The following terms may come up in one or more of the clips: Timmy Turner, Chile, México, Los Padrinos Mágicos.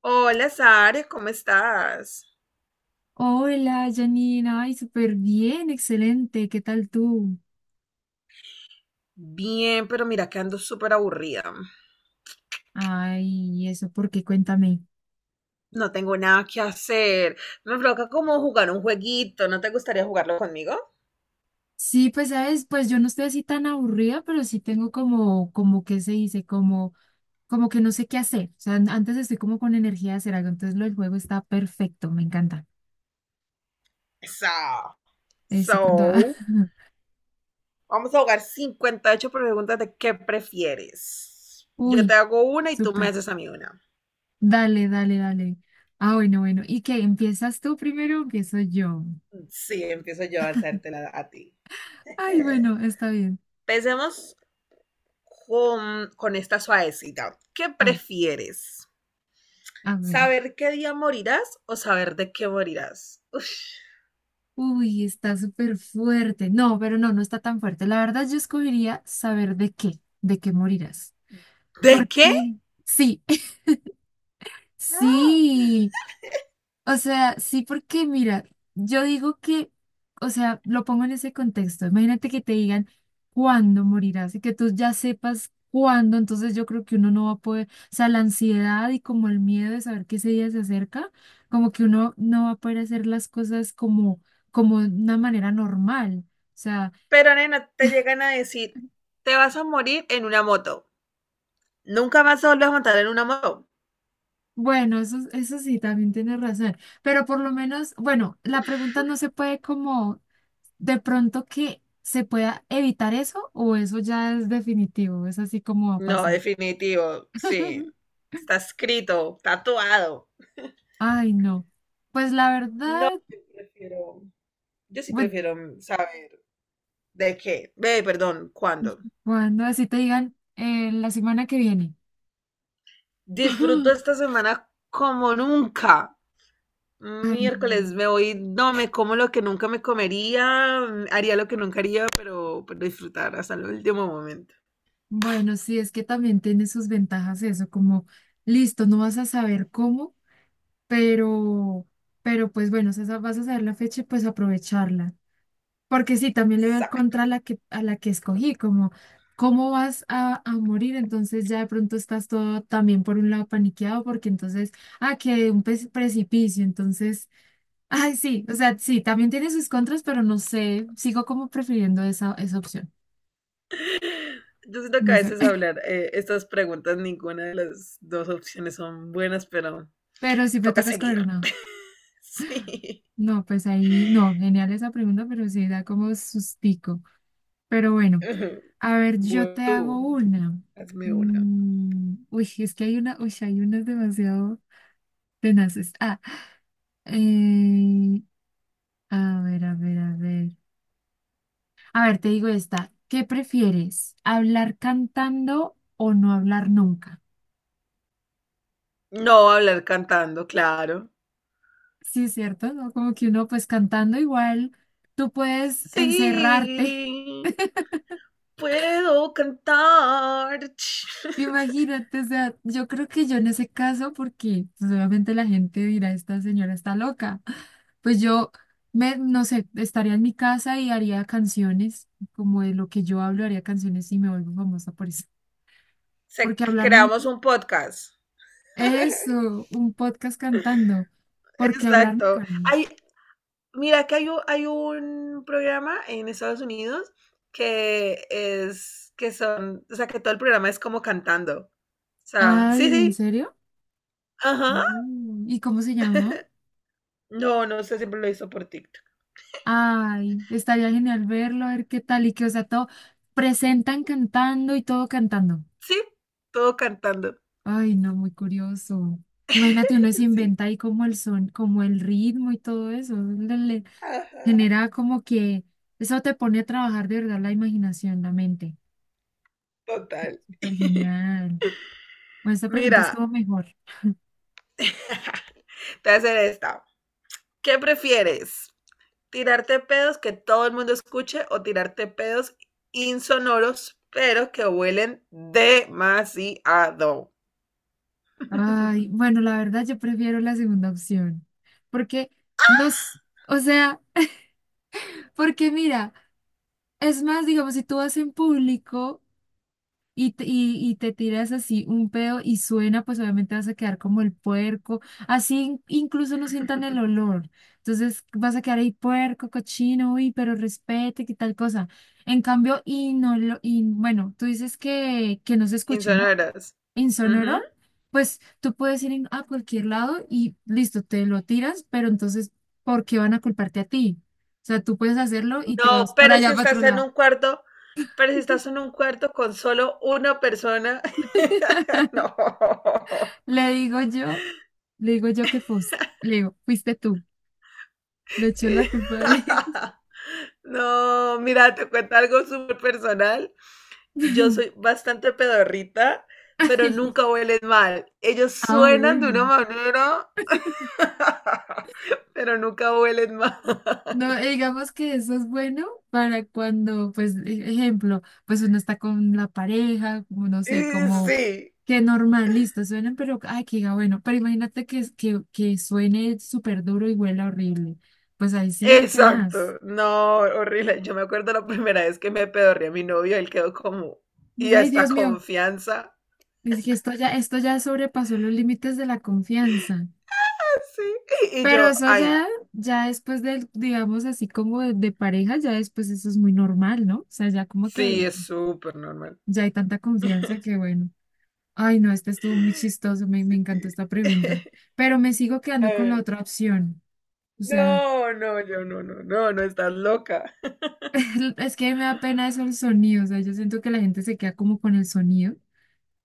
Hola, Sare, ¿cómo estás? Hola, Janina. Ay, súper bien, excelente. ¿Qué tal tú? Bien, pero mira que ando súper aburrida. Ay, eso, ¿por qué? Cuéntame. No tengo nada que hacer. Me provoca como jugar un jueguito. ¿No te gustaría jugarlo conmigo? Sí, pues sabes, pues yo no estoy así tan aburrida, pero sí tengo como, como que se dice, como, como que no sé qué hacer. O sea, antes estoy como con energía de hacer algo, entonces lo del juego está perfecto, me encanta. Eso. Eso, con toda. So, vamos a jugar 58 preguntas de qué prefieres. Yo te Uy, hago una y tú me súper. haces a mí una. Dale, dale, dale. Ah, bueno, bueno. ¿Y qué? ¿Empiezas tú primero o empiezo yo? Sí, empiezo yo a hacértela a ti. Ay, bueno, está bien. Empecemos con esta suavecita. ¿Qué Ah, prefieres? a ver. ¿Saber qué día morirás o saber de qué morirás? Uf. Uy, está súper fuerte. No, pero no, no está tan fuerte. La verdad, yo escogería saber de qué morirás. ¿De ¿Por qué? qué? Sí, No. sí. O sea, sí, porque mira, yo digo que, o sea, lo pongo en ese contexto. Imagínate que te digan cuándo morirás y que tú ya sepas cuándo, entonces yo creo que uno no va a poder, o sea, la ansiedad y como el miedo de saber que ese día se acerca, como que uno no va a poder hacer las cosas como, como de una manera normal. O sea, Pero nena, te llegan a decir, te vas a morir en una moto. Nunca más te vuelves a montar en una moto. bueno, eso sí, también tienes razón. Pero por lo menos, bueno, la pregunta no se puede como de pronto que se pueda evitar eso o eso ya es definitivo, es así como va a No, pasar. definitivo, sí. Está escrito, tatuado. Ay, no. Pues la No, verdad, yo sí bu- prefiero saber de qué. Ve, perdón, cuándo. cuando así te digan la semana que viene. Disfruto esta semana como nunca. Ay, no. Miércoles me voy, no me como lo que nunca me comería, haría lo que nunca haría, pero disfrutar hasta el último momento. Bueno, sí, es que también tiene sus ventajas eso, como listo, no vas a saber cómo. pero, pero pues bueno, si vas a saber la fecha, pues aprovecharla. Porque sí, también le veo el Exacto. contra a la que escogí, como cómo vas a morir, entonces ya de pronto estás todo también por un lado paniqueado, porque entonces, ah, que un precipicio, entonces, ay, sí, o sea, sí, también tiene sus contras, pero no sé, sigo como prefiriendo esa, esa opción, Yo siento que no a sé, veces hablar estas preguntas, ninguna de las dos opciones son buenas, pero pero si me toca toca escoger seguir. una, Sí. no, pues ahí, no, genial esa pregunta, pero sí da como sustico, pero bueno. A ver, yo Bueno, te hago tú, una. hazme una. Uy, es que hay una, uy, sí, hay unas demasiado tenaces. Ah, eh, a ver, a ver, a ver. A ver, te digo esta. ¿Qué prefieres? ¿Hablar cantando o no hablar nunca? No hablar cantando, claro. Sí, es cierto, ¿no? Como que uno, pues cantando igual, tú puedes encerrarte. Sí, puedo cantar. Imagínate, o sea, yo creo que yo en ese caso, porque pues, obviamente la gente dirá, esta señora está loca, pues yo no sé, estaría en mi casa y haría canciones, como de lo que yo hablo, haría canciones y me vuelvo famosa por eso. Se Porque hablar nunca. creamos un podcast. Eso, un podcast cantando. Porque hablar Exacto. nunca, no. Mira, que hay un, programa en Estados Unidos que es, que son, o sea, que todo el programa es como cantando. O sea, sí, Ay, ¿en sí, serio? ajá. Mm. ¿Y cómo se llama? No, no sé, siempre lo hizo por TikTok. Ay, estaría genial verlo, a ver qué tal y que, o sea, todo presentan cantando y todo cantando. Sí, todo cantando. Ay, no, muy curioso. Imagínate, uno se Sí, inventa ahí como el son, como el ritmo y todo eso. Le ajá, genera como que eso te pone a trabajar de verdad la imaginación, la mente. total. Súper genial. Bueno, esta pregunta Mira, estuvo mejor. te voy a hacer esta. ¿Qué prefieres? Tirarte pedos que todo el mundo escuche o tirarte pedos insonoros, pero que huelen demasiado. Ay, bueno, la verdad yo prefiero la segunda opción. Porque nos, o sea, porque mira, es más, digamos, si tú vas en público, y te, y te tiras así un pedo y suena, pues obviamente vas a quedar como el puerco, así incluso no sientan el olor. Entonces vas a quedar ahí puerco, cochino, uy, pero respete, qué tal cosa. En cambio, y no lo, y bueno, tú dices que no se escuche, ¿no? Insonoros. Ujú. Insonoro, pues tú puedes ir a cualquier lado y listo, te lo tiras, pero entonces, ¿por qué van a culparte a ti? O sea, tú puedes hacerlo y te vas No, para allá, para otro lado. Pero si estás en un cuarto con solo una persona, no. Le digo yo. Le digo yo que fuiste, le digo, fuiste tú. Le echó la culpa a él. No, mira, te cuento algo súper personal. Yo soy bastante pedorrita, pero Ay, nunca huelen mal. Ellos ah, suenan de una bueno. manera, pero nunca huelen mal. No, digamos que eso es bueno para cuando, pues, ejemplo, pues uno está con la pareja, como no sé, Y como sí, que normal, listo, suenan, pero, ay, que diga, bueno, pero imagínate que, que suene súper duro y huela horrible. Pues ahí sí, tenaz. exacto. No, horrible. Yo me acuerdo la primera vez que me pedorré a mi novio, él quedó como, y Dice, ay, esta Dios mío, confianza. dice que esto ya sobrepasó los límites de la confianza. Sí. Y Pero yo, eso ay, ya, ya después del, digamos así como de pareja, ya después eso es muy normal, ¿no? O sea, ya como que sí, es súper normal. ya hay tanta confianza que bueno. Ay, no, este estuvo muy chistoso, me Sí. encantó esta pregunta. Pero me sigo quedando con la Eh, otra opción. O sea, No, no, yo no, no, no, no estás loca. es que me da pena eso el sonido. O sea, yo siento que la gente se queda como con el sonido.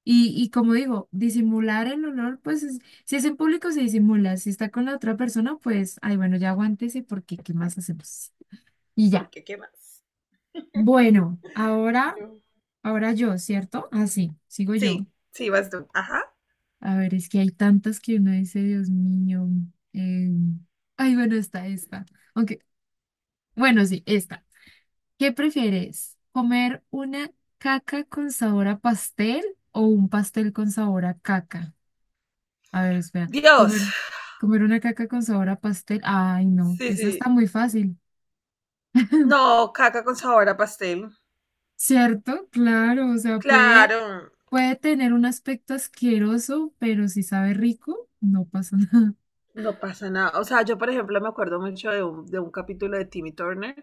Y como digo, disimular el olor, pues si es en público se disimula. Si está con la otra persona, pues, ay, bueno, ya aguántese porque ¿qué más hacemos? Y ¿Por ya. qué? ¿Qué más? Bueno, ahora, No. ahora yo, ¿cierto? Así, sigo yo. Sí, sí, vas tú. Ajá. A ver, es que hay tantas que uno dice, Dios mío. eh, Ay, bueno, está esta. Aunque, bueno, sí, esta. ¿Qué prefieres? ¿Comer una caca con sabor a pastel o un pastel con sabor a caca? A ver, espera. Dios. ¿Comer, comer una caca con sabor a pastel? Ay, no, Sí, esa está sí. muy fácil. No, caca con sabor a pastel. ¿Cierto? Claro, o sea, puede, Claro, puede tener un aspecto asqueroso, pero si sabe rico, no pasa nada. no pasa nada. O sea, yo, por ejemplo, me acuerdo mucho de un, capítulo de Timmy Turner,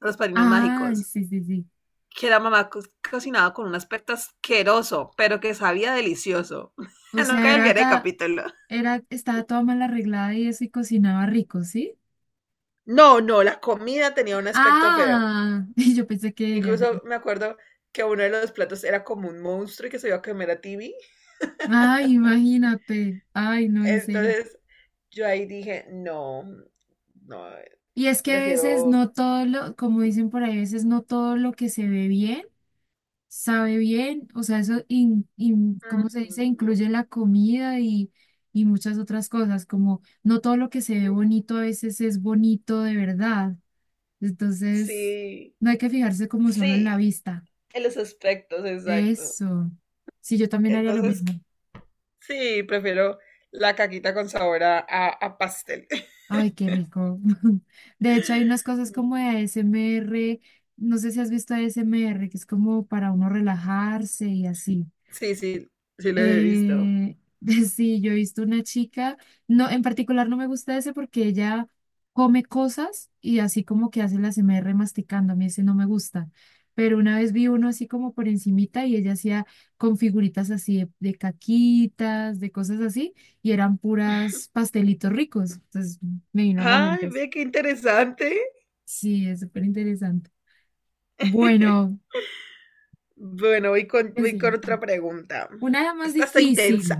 Los Padrinos Ay, Mágicos, sí, sí, sí. que la mamá cocinaba con un aspecto asqueroso, pero que sabía delicioso. O sea, Nunca era, olvidaré el capítulo. era, estaba toda mal arreglada y eso y cocinaba rico, ¿sí? No, no, la comida tenía un aspecto feo. Ah, y yo pensé que ella ya, no. Incluso me acuerdo que uno de los platos era como un monstruo y que se iba a comer a Timmy. Ay, imagínate. Ay, no, en serio. Entonces yo ahí dije, no, no, Y es que a veces prefiero. no todo lo, como dicen por ahí, a veces no todo lo que se ve bien sabe bien, o sea, eso, ¿cómo se dice? Ujú. Incluye la comida y muchas otras cosas, como no todo lo que se ve bonito a veces es bonito de verdad. Entonces, Sí, no hay que fijarse como solo en la sí, vista. en los aspectos, exacto. Eso. Sí, yo también haría lo Entonces, mismo. sí, prefiero la caquita con sabor a, a pastel. Ay, qué rico. De hecho, hay unas cosas como de ASMR, no sé si has visto ASMR, que es como para uno relajarse y así. Sí, sí, sí lo he visto. Eh, sí, yo he visto una chica, no, en particular no me gusta ese porque ella come cosas y así como que hace la ASMR masticando, a mí ese no me gusta. Pero una vez vi uno así como por encimita y ella hacía con figuritas así de caquitas, de cosas así, y eran puras pastelitos ricos. Entonces me vino a la Ay, mente eso. ve qué interesante. Sí, es súper interesante. Bueno, Bueno, voy con, ¿qué voy sigue? con otra Sí. pregunta. Una más Esta está difícil. intensa,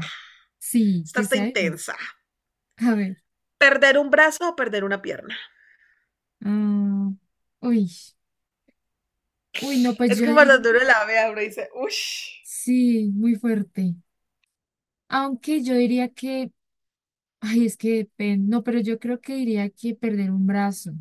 Sí, esta que está sea difícil. intensa. A ver. ¿Perder un brazo o perder una pierna? Ah, uy, uy, no, pues Es yo que cuando diría, uno la vea, uno dice, uff. sí, muy fuerte. Aunque yo diría que, ay, es que depende, no, pero yo creo que diría que perder un brazo.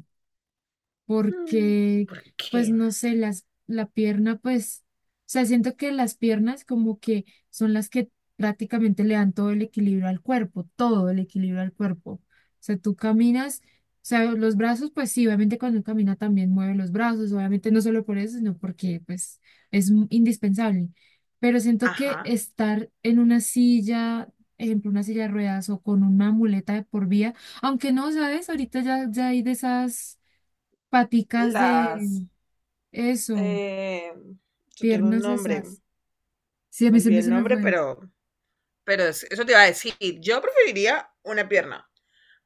Porque, pues Porque, no sé, las, la pierna, pues, o sea, siento que las piernas como que son las que prácticamente le dan todo el equilibrio al cuerpo, todo el equilibrio al cuerpo. O sea, tú caminas, o sea, los brazos, pues sí, obviamente cuando uno camina también mueve los brazos, obviamente no solo por eso, sino porque, pues, es indispensable. Pero siento que ajá, estar en una silla, ejemplo, una silla de ruedas o con una muleta de por vía, aunque no, ¿sabes? Ahorita ya, ya hay de esas paticas las. de eso, Eh, Esto tiene un piernas nombre, esas. Sí, a me mí olvidé el se me nombre, fue. pero. Pero eso te iba a decir, yo preferiría una pierna.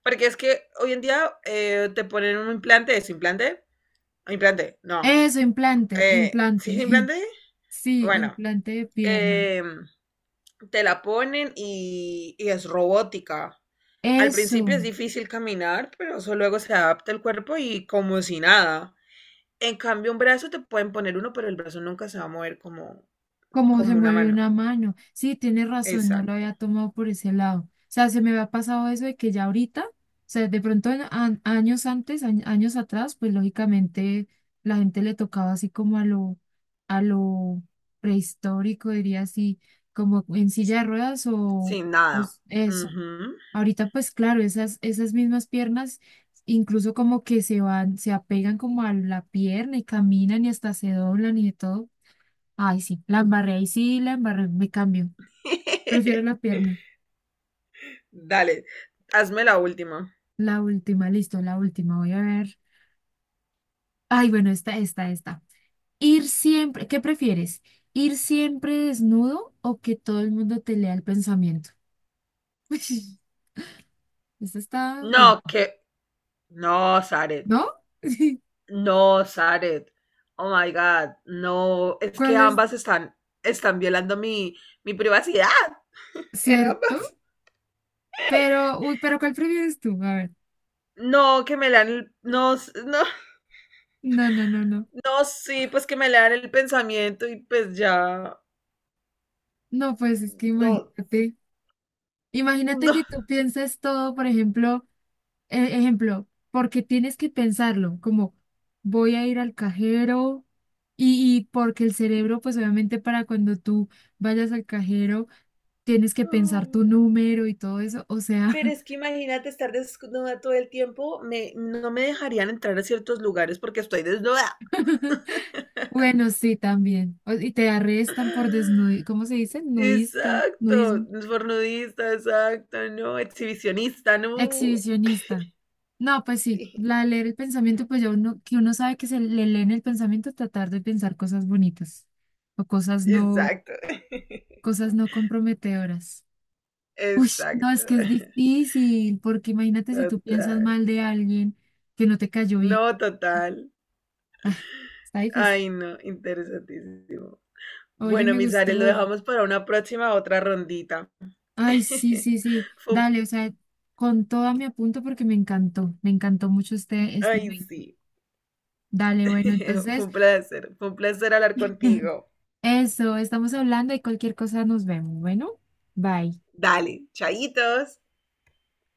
Porque es que hoy en día te ponen un implante, ¿es implante? Implante, no. Eso, implante, ¿Sí implante. es implante? Sí, Bueno, implante de pierna. eh, te la ponen y, es robótica. Al principio Eso. es difícil caminar, pero eso luego se adapta el cuerpo y como si nada. En cambio, un brazo te pueden poner uno, pero el brazo nunca se va a mover como, Cómo se como una mueve mano. una mano. Sí, tienes razón, no lo Exacto. había tomado por ese lado. O sea, se me había pasado eso de que ya ahorita, o sea, de pronto años antes, años atrás, pues lógicamente la gente le tocaba así como a lo prehistórico, diría así, como en silla de ruedas o, Sin nada. Eso. Ujú. Ahorita, pues claro, esas, esas mismas piernas incluso como que se van, se apegan como a la pierna y caminan y hasta se doblan y de todo. Ay, sí, la embarré, ahí sí, la embarré, me cambio. Prefiero la pierna. Dale, hazme la última. La última, listo, la última, voy a ver. Ay, bueno, esta, esta, esta. Ir siempre, ¿qué prefieres? ¿Ir siempre desnudo o que todo el mundo te lea el pensamiento? Esta está fuerte, No, que. No, Zaret. ¿no? No, Zaret. Oh my God. No, es que ¿Cuál es ambas están violando mi privacidad. En cierto? ambas. Pero, uy, pero ¿cuál prefieres tú? A ver. No, que me lean el. No, no, No, no, no, no. no, sí, pues que me lean el pensamiento y pues ya. No, pues es que No, imagínate, imagínate no. que tú pienses todo, por ejemplo. Ejemplo, porque tienes que pensarlo, como voy a ir al cajero y porque el cerebro, pues obviamente para cuando tú vayas al cajero, tienes que pensar tu número y todo eso, o sea, Pero es que imagínate estar desnuda todo el tiempo, no me dejarían entrar a ciertos lugares porque estoy desnuda. bueno, sí, también. O- Y te arrestan por desnudismo, ¿cómo se dice? Nudista, Exacto, nudismo, fornudista, exacto, no, exhibicionista, no. exhibicionista. No, pues sí, Sí, la de leer el pensamiento, pues ya uno, que uno sabe que se le lee en el pensamiento, tratar de pensar cosas bonitas o cosas no, exacto, cosas no comprometedoras. Uy, no, exacto, es que es difícil, porque imagínate si tú piensas total, mal de alguien que no te cayó bien. no, total. Ah, está difícil. Ay, no, interesantísimo. Oye, Bueno, me mis Ares, lo gustó. dejamos para una próxima otra rondita. Ay, sí, sí, sí. Fue- Dale, o sea, con toda mi apunto porque me encantó. Me encantó mucho este, este Ay, juego. sí. Dale, bueno, entonces, fue un placer hablar contigo. eso, estamos hablando y cualquier cosa nos vemos. Bueno, bye. Dale, chaitos.